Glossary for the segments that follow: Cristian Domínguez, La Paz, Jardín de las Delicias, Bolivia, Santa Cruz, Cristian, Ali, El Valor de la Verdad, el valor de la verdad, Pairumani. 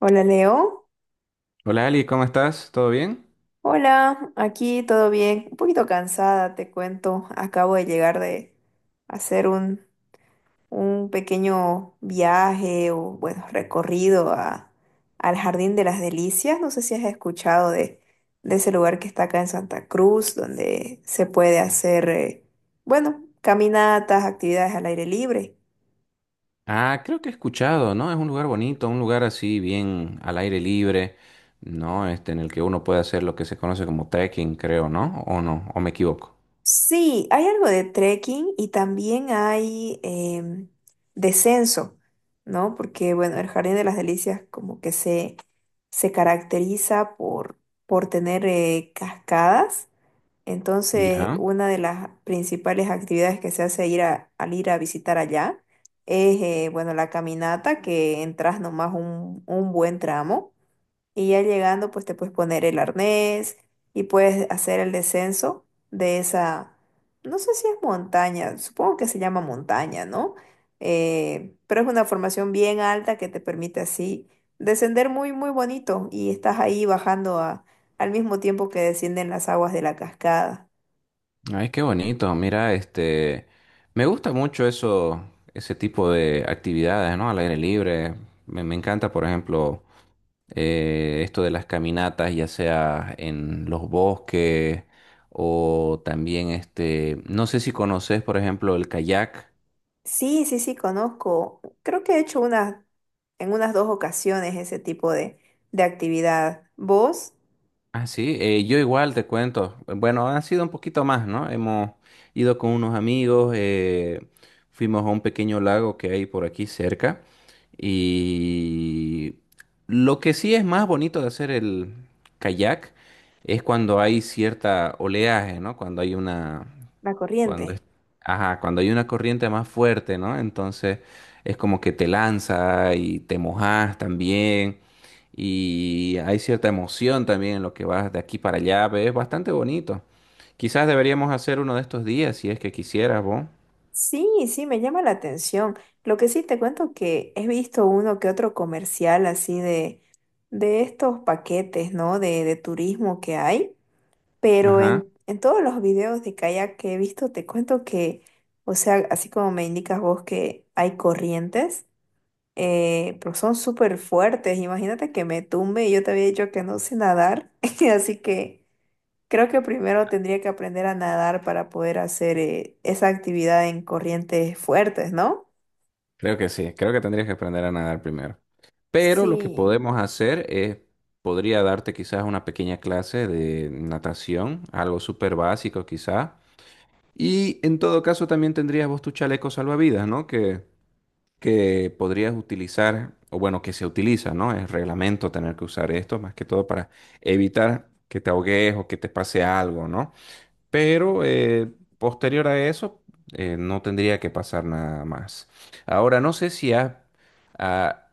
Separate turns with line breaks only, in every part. Hola Leo,
Hola Ali, ¿cómo estás? ¿Todo bien?
hola, aquí todo bien, un poquito cansada, te cuento, acabo de llegar de hacer un pequeño viaje o bueno, recorrido al Jardín de las Delicias, no sé si has escuchado de ese lugar que está acá en Santa Cruz, donde se puede hacer, bueno, caminatas, actividades al aire libre.
Ah, creo que he escuchado, ¿no? Es un lugar bonito, un lugar así bien al aire libre, ¿no? Este, en el que uno puede hacer lo que se conoce como trekking, creo, ¿no? ¿O no? ¿O me equivoco?
Sí, hay algo de trekking y también hay descenso, ¿no? Porque, bueno, el Jardín de las Delicias como que se caracteriza por tener cascadas. Entonces,
Ya.
una de las principales actividades que se hace al ir a visitar allá es, bueno, la caminata, que entras nomás un buen tramo. Y ya llegando, pues te puedes poner el arnés y puedes hacer el descenso de no sé si es montaña, supongo que se llama montaña, ¿no? Pero es una formación bien alta que te permite así descender muy, muy bonito y estás ahí al mismo tiempo que descienden las aguas de la cascada.
Ay, qué bonito. Mira, este, me gusta mucho eso, ese tipo de actividades, ¿no? Al aire libre. Me encanta, por ejemplo, esto de las caminatas, ya sea en los bosques o también este, no sé si conoces, por ejemplo, el kayak.
Sí, sí, sí, conozco. Creo que he hecho en unas dos ocasiones ese tipo de actividad. ¿Vos?
Ah, sí, yo igual te cuento. Bueno, han sido un poquito más, ¿no? Hemos ido con unos amigos, fuimos a un pequeño lago que hay por aquí cerca y lo que sí es más bonito de hacer el kayak es cuando hay cierta oleaje, ¿no? Cuando hay una.
La
Cuando
corriente.
es, ajá, cuando hay una corriente más fuerte, ¿no? Entonces es como que te lanza y te mojas también y hay cierta emoción también en lo que vas de aquí para allá, ¿ves? Es bastante bonito. Quizás deberíamos hacer uno de estos días si es que quisieras vos.
Sí, sí, me llama la atención. Lo que sí te cuento que he visto uno que otro comercial así de estos paquetes, ¿no? De turismo que hay, pero
Ajá,
en todos los videos de kayak que he visto, te cuento que, o sea, así como me indicas vos que hay corrientes, pero son súper fuertes. Imagínate que me tumbe y yo te había dicho que no sé nadar, así que... Creo que primero tendría que aprender a nadar para poder hacer esa actividad en corrientes fuertes, ¿no?
creo que sí, creo que tendrías que aprender a nadar primero. Pero lo que
Sí,
podemos hacer es, podría darte quizás una pequeña clase de natación, algo súper básico quizás. Y en todo caso también tendrías vos tu chaleco salvavidas, ¿no? Que podrías utilizar, o bueno, que se utiliza, ¿no? Es reglamento tener que usar esto, más que todo para evitar que te ahogues o que te pase algo, ¿no? Pero posterior a eso, no tendría que pasar nada más. Ahora, no sé si ah,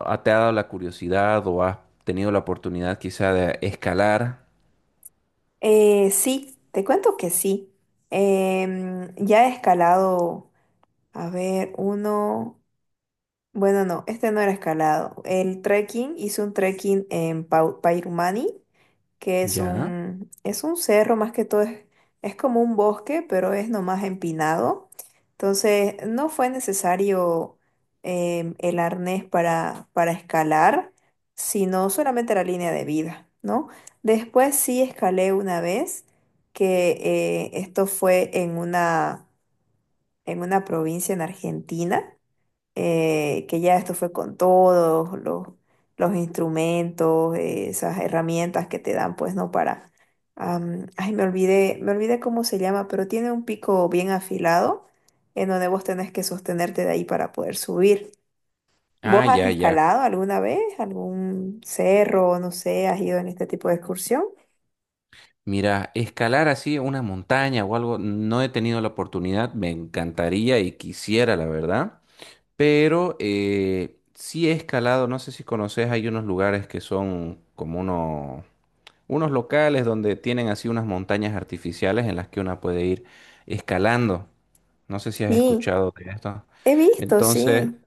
te ha dado la curiosidad o has tenido la oportunidad quizá de escalar.
sí, te cuento que sí. Ya he escalado, a ver, uno. Bueno, no, este no era escalado. El trekking, hice un trekking en Pairumani, que es
Ya.
es un cerro más que todo, es como un bosque, pero es nomás empinado. Entonces, no fue necesario el arnés para escalar, sino solamente la línea de vida, ¿no? Después sí escalé una vez, que esto fue en en una provincia en Argentina que ya esto fue con todos los instrumentos, esas herramientas que te dan, pues, ¿no? Para, me olvidé cómo se llama, pero tiene un pico bien afilado en donde vos tenés que sostenerte de ahí para poder subir. ¿Vos
Ah,
has
ya, ya.
escalado alguna vez algún cerro, no sé, has ido en este tipo de excursión?
Mira, escalar así una montaña o algo, no he tenido la oportunidad, me encantaría y quisiera, la verdad, pero sí he escalado, no sé si conoces, hay unos lugares que son como unos, unos locales donde tienen así unas montañas artificiales en las que una puede ir escalando. No sé si has
Sí,
escuchado de esto.
he visto,
Entonces,
sí.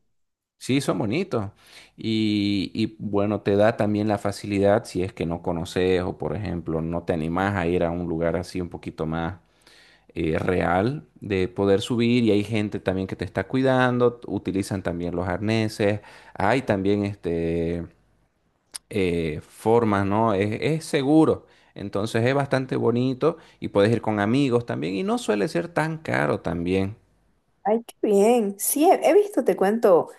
sí, son bonitos. Bueno, te da también la facilidad si es que no conoces o, por ejemplo, no te animás a ir a un lugar así un poquito más real de poder subir. Y hay gente también que te está cuidando. Utilizan también los arneses. Hay también este, formas, ¿no? Es seguro. Entonces es bastante bonito y puedes ir con amigos también. Y no suele ser tan caro también.
Ay, qué bien. Sí, he visto, te cuento,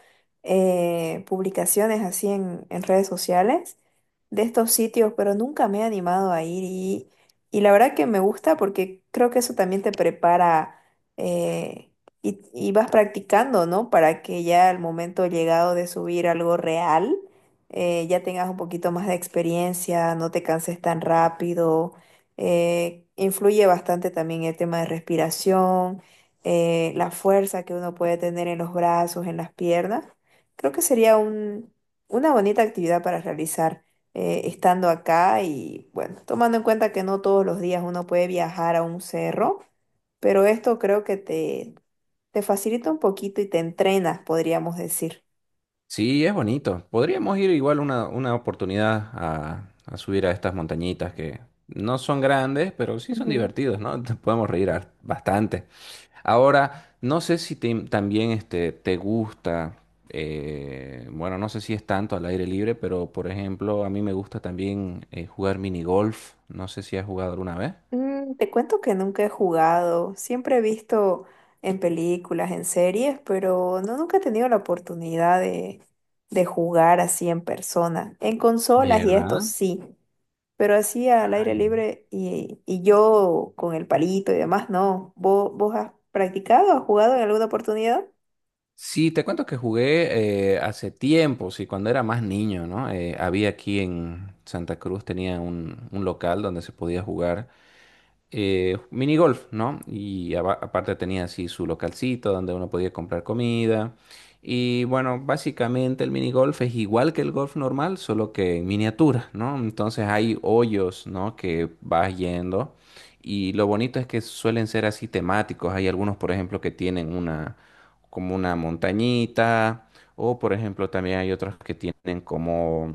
publicaciones así en redes sociales de estos sitios, pero nunca me he animado a ir y la verdad que me gusta porque creo que eso también te prepara eh, y vas practicando, ¿no? Para que ya al momento llegado de subir algo real, ya tengas un poquito más de experiencia, no te canses tan rápido. Influye bastante también el tema de respiración, la fuerza que uno puede tener en los brazos, en las piernas, creo que una bonita actividad para realizar estando acá y bueno, tomando en cuenta que no todos los días uno puede viajar a un cerro, pero esto creo que te facilita un poquito y te entrenas, podríamos decir.
Sí, es bonito. Podríamos ir igual una oportunidad a subir a estas montañitas que no son grandes, pero sí son
Ujú.
divertidos, ¿no? Te podemos reír bastante. Ahora, no sé si también este, te gusta, bueno, no sé si es tanto al aire libre, pero por ejemplo, a mí me gusta también jugar mini golf. No sé si has jugado alguna vez.
Mm, te cuento que nunca he jugado, siempre he visto en películas, en series, pero no, nunca he tenido la oportunidad de jugar así en persona. En consolas y esto
¿Verdad?
sí, pero así al aire
Ay.
libre y yo con el palito y demás, no. Vos has practicado, has jugado en alguna oportunidad?
Sí, te cuento que jugué hace tiempo, sí, cuando era más niño, ¿no? Había aquí en Santa Cruz, tenía un local donde se podía jugar minigolf, ¿no? Y aparte tenía así su localcito donde uno podía comprar comida. Y bueno, básicamente el minigolf es igual que el golf normal, solo que en miniatura, ¿no? Entonces hay hoyos, ¿no? Que vas yendo. Y lo bonito es que suelen ser así temáticos. Hay algunos, por ejemplo, que tienen una, como una montañita. O, por ejemplo, también hay otros que tienen como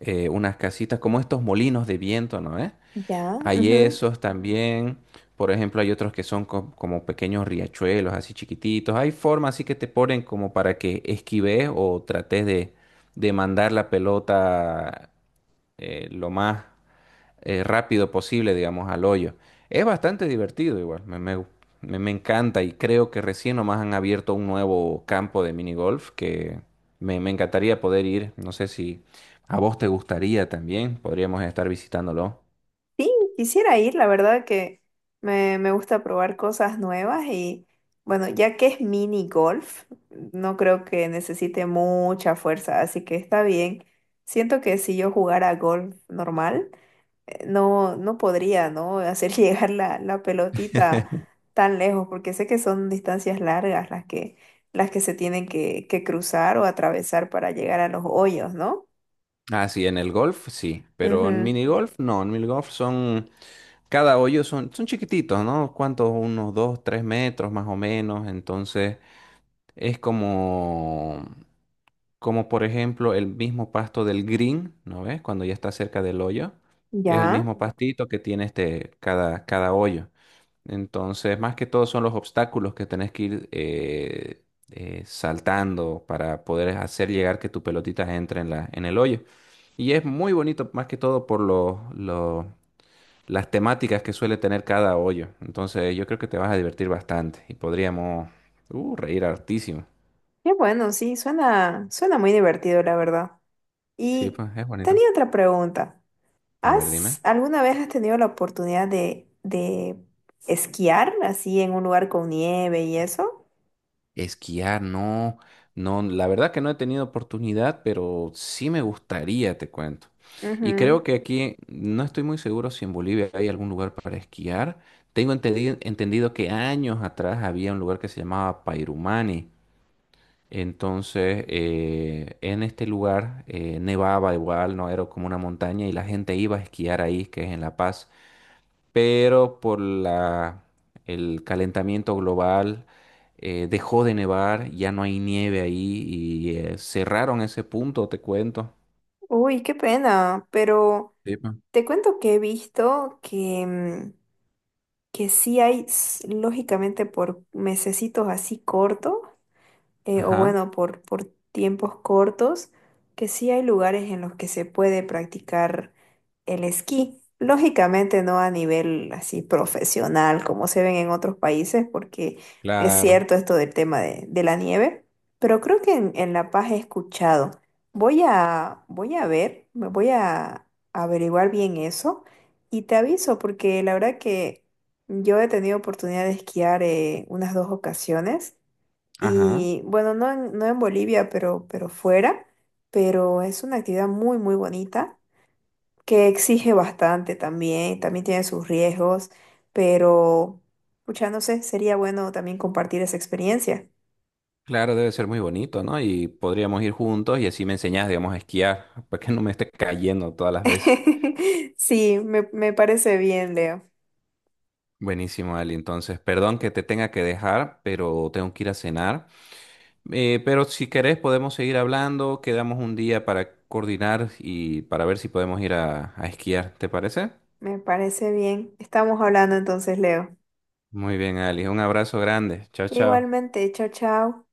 unas casitas, como estos molinos de viento, ¿no? ¿Eh?
Ya.
Hay esos también. Por ejemplo, hay otros que son como pequeños riachuelos, así chiquititos. Hay formas así que te ponen como para que esquives o trates de mandar la pelota lo más rápido posible, digamos, al hoyo. Es bastante divertido igual, me encanta y creo que recién nomás han abierto un nuevo campo de minigolf que me encantaría poder ir. No sé si a vos te gustaría también, podríamos estar visitándolo.
Sí, quisiera ir, la verdad que me gusta probar cosas nuevas y bueno, ya que es mini golf, no creo que necesite mucha fuerza, así que está bien. Siento que si yo jugara golf normal, no, no podría, ¿no? Hacer llegar la pelotita tan lejos, porque sé que son distancias largas las que se tienen que cruzar o atravesar para llegar a los hoyos, ¿no?
Ah, sí, en el golf sí, pero en
Ujú.
minigolf no, en minigolf son, cada hoyo son, son chiquititos, ¿no? ¿Cuántos? Unos dos, tres metros más o menos, entonces es como, como por ejemplo el mismo pasto del green, ¿no ves? Cuando ya está cerca del hoyo, es el
Ya.
mismo pastito que tiene este, cada, cada hoyo. Entonces, más que todo son los obstáculos que tenés que ir saltando para poder hacer llegar que tu pelotita entre en la, en el hoyo. Y es muy bonito, más que todo por los, las temáticas que suele tener cada hoyo. Entonces, yo creo que te vas a divertir bastante y podríamos reír hartísimo.
Qué bueno, sí, suena, suena muy divertido, la verdad.
Sí,
Y
pues es bonito.
tenía otra pregunta.
A ver,
¿Has
dime.
alguna vez has tenido la oportunidad de esquiar así en un lugar con nieve y eso?
Esquiar, no, no, la verdad que no he tenido oportunidad, pero sí me gustaría, te cuento. Y
Ujú.
creo que aquí, no estoy muy seguro si en Bolivia hay algún lugar para esquiar. Tengo entendido que años atrás había un lugar que se llamaba Pairumani. Entonces, en este lugar nevaba igual, no era como una montaña y la gente iba a esquiar ahí, que es en La Paz, pero por la, el calentamiento global dejó de nevar, ya no hay nieve ahí y cerraron ese punto, te cuento.
Uy, qué pena, pero
Sí, pa.
te cuento que he visto que, mm, que sí hay, s- lógicamente, por mesecitos así cortos, o
Ajá,
bueno, por tiempos cortos, que sí hay lugares en los que se puede practicar el esquí. Lógicamente no a nivel así profesional como se ven en otros países, porque es
claro,
cierto esto del tema de la nieve, pero creo que en La Paz he escuchado. Voy a ver, me voy a averiguar bien eso y te aviso, porque la verdad que yo he tenido oportunidad de esquiar, unas dos ocasiones.
ajá,
Y bueno, no en Bolivia, pero fuera, pero es una actividad muy, muy bonita que exige bastante también, también tiene sus riesgos, pero, pucha, no sé, sería bueno también compartir esa experiencia.
claro, debe ser muy bonito, ¿no? Y podríamos ir juntos y así me enseñás, digamos, a esquiar, para que no me esté cayendo todas las veces.
Sí, me parece bien, Leo,
Buenísimo, Ali. Entonces, perdón que te tenga que dejar, pero tengo que ir a cenar. Pero si querés podemos seguir hablando, quedamos un día para coordinar y para ver si podemos ir a esquiar, ¿te parece?
me parece bien. Estamos hablando entonces, Leo.
Muy bien, Ali, un abrazo grande. Chao, chao.
Igualmente, chao, chao.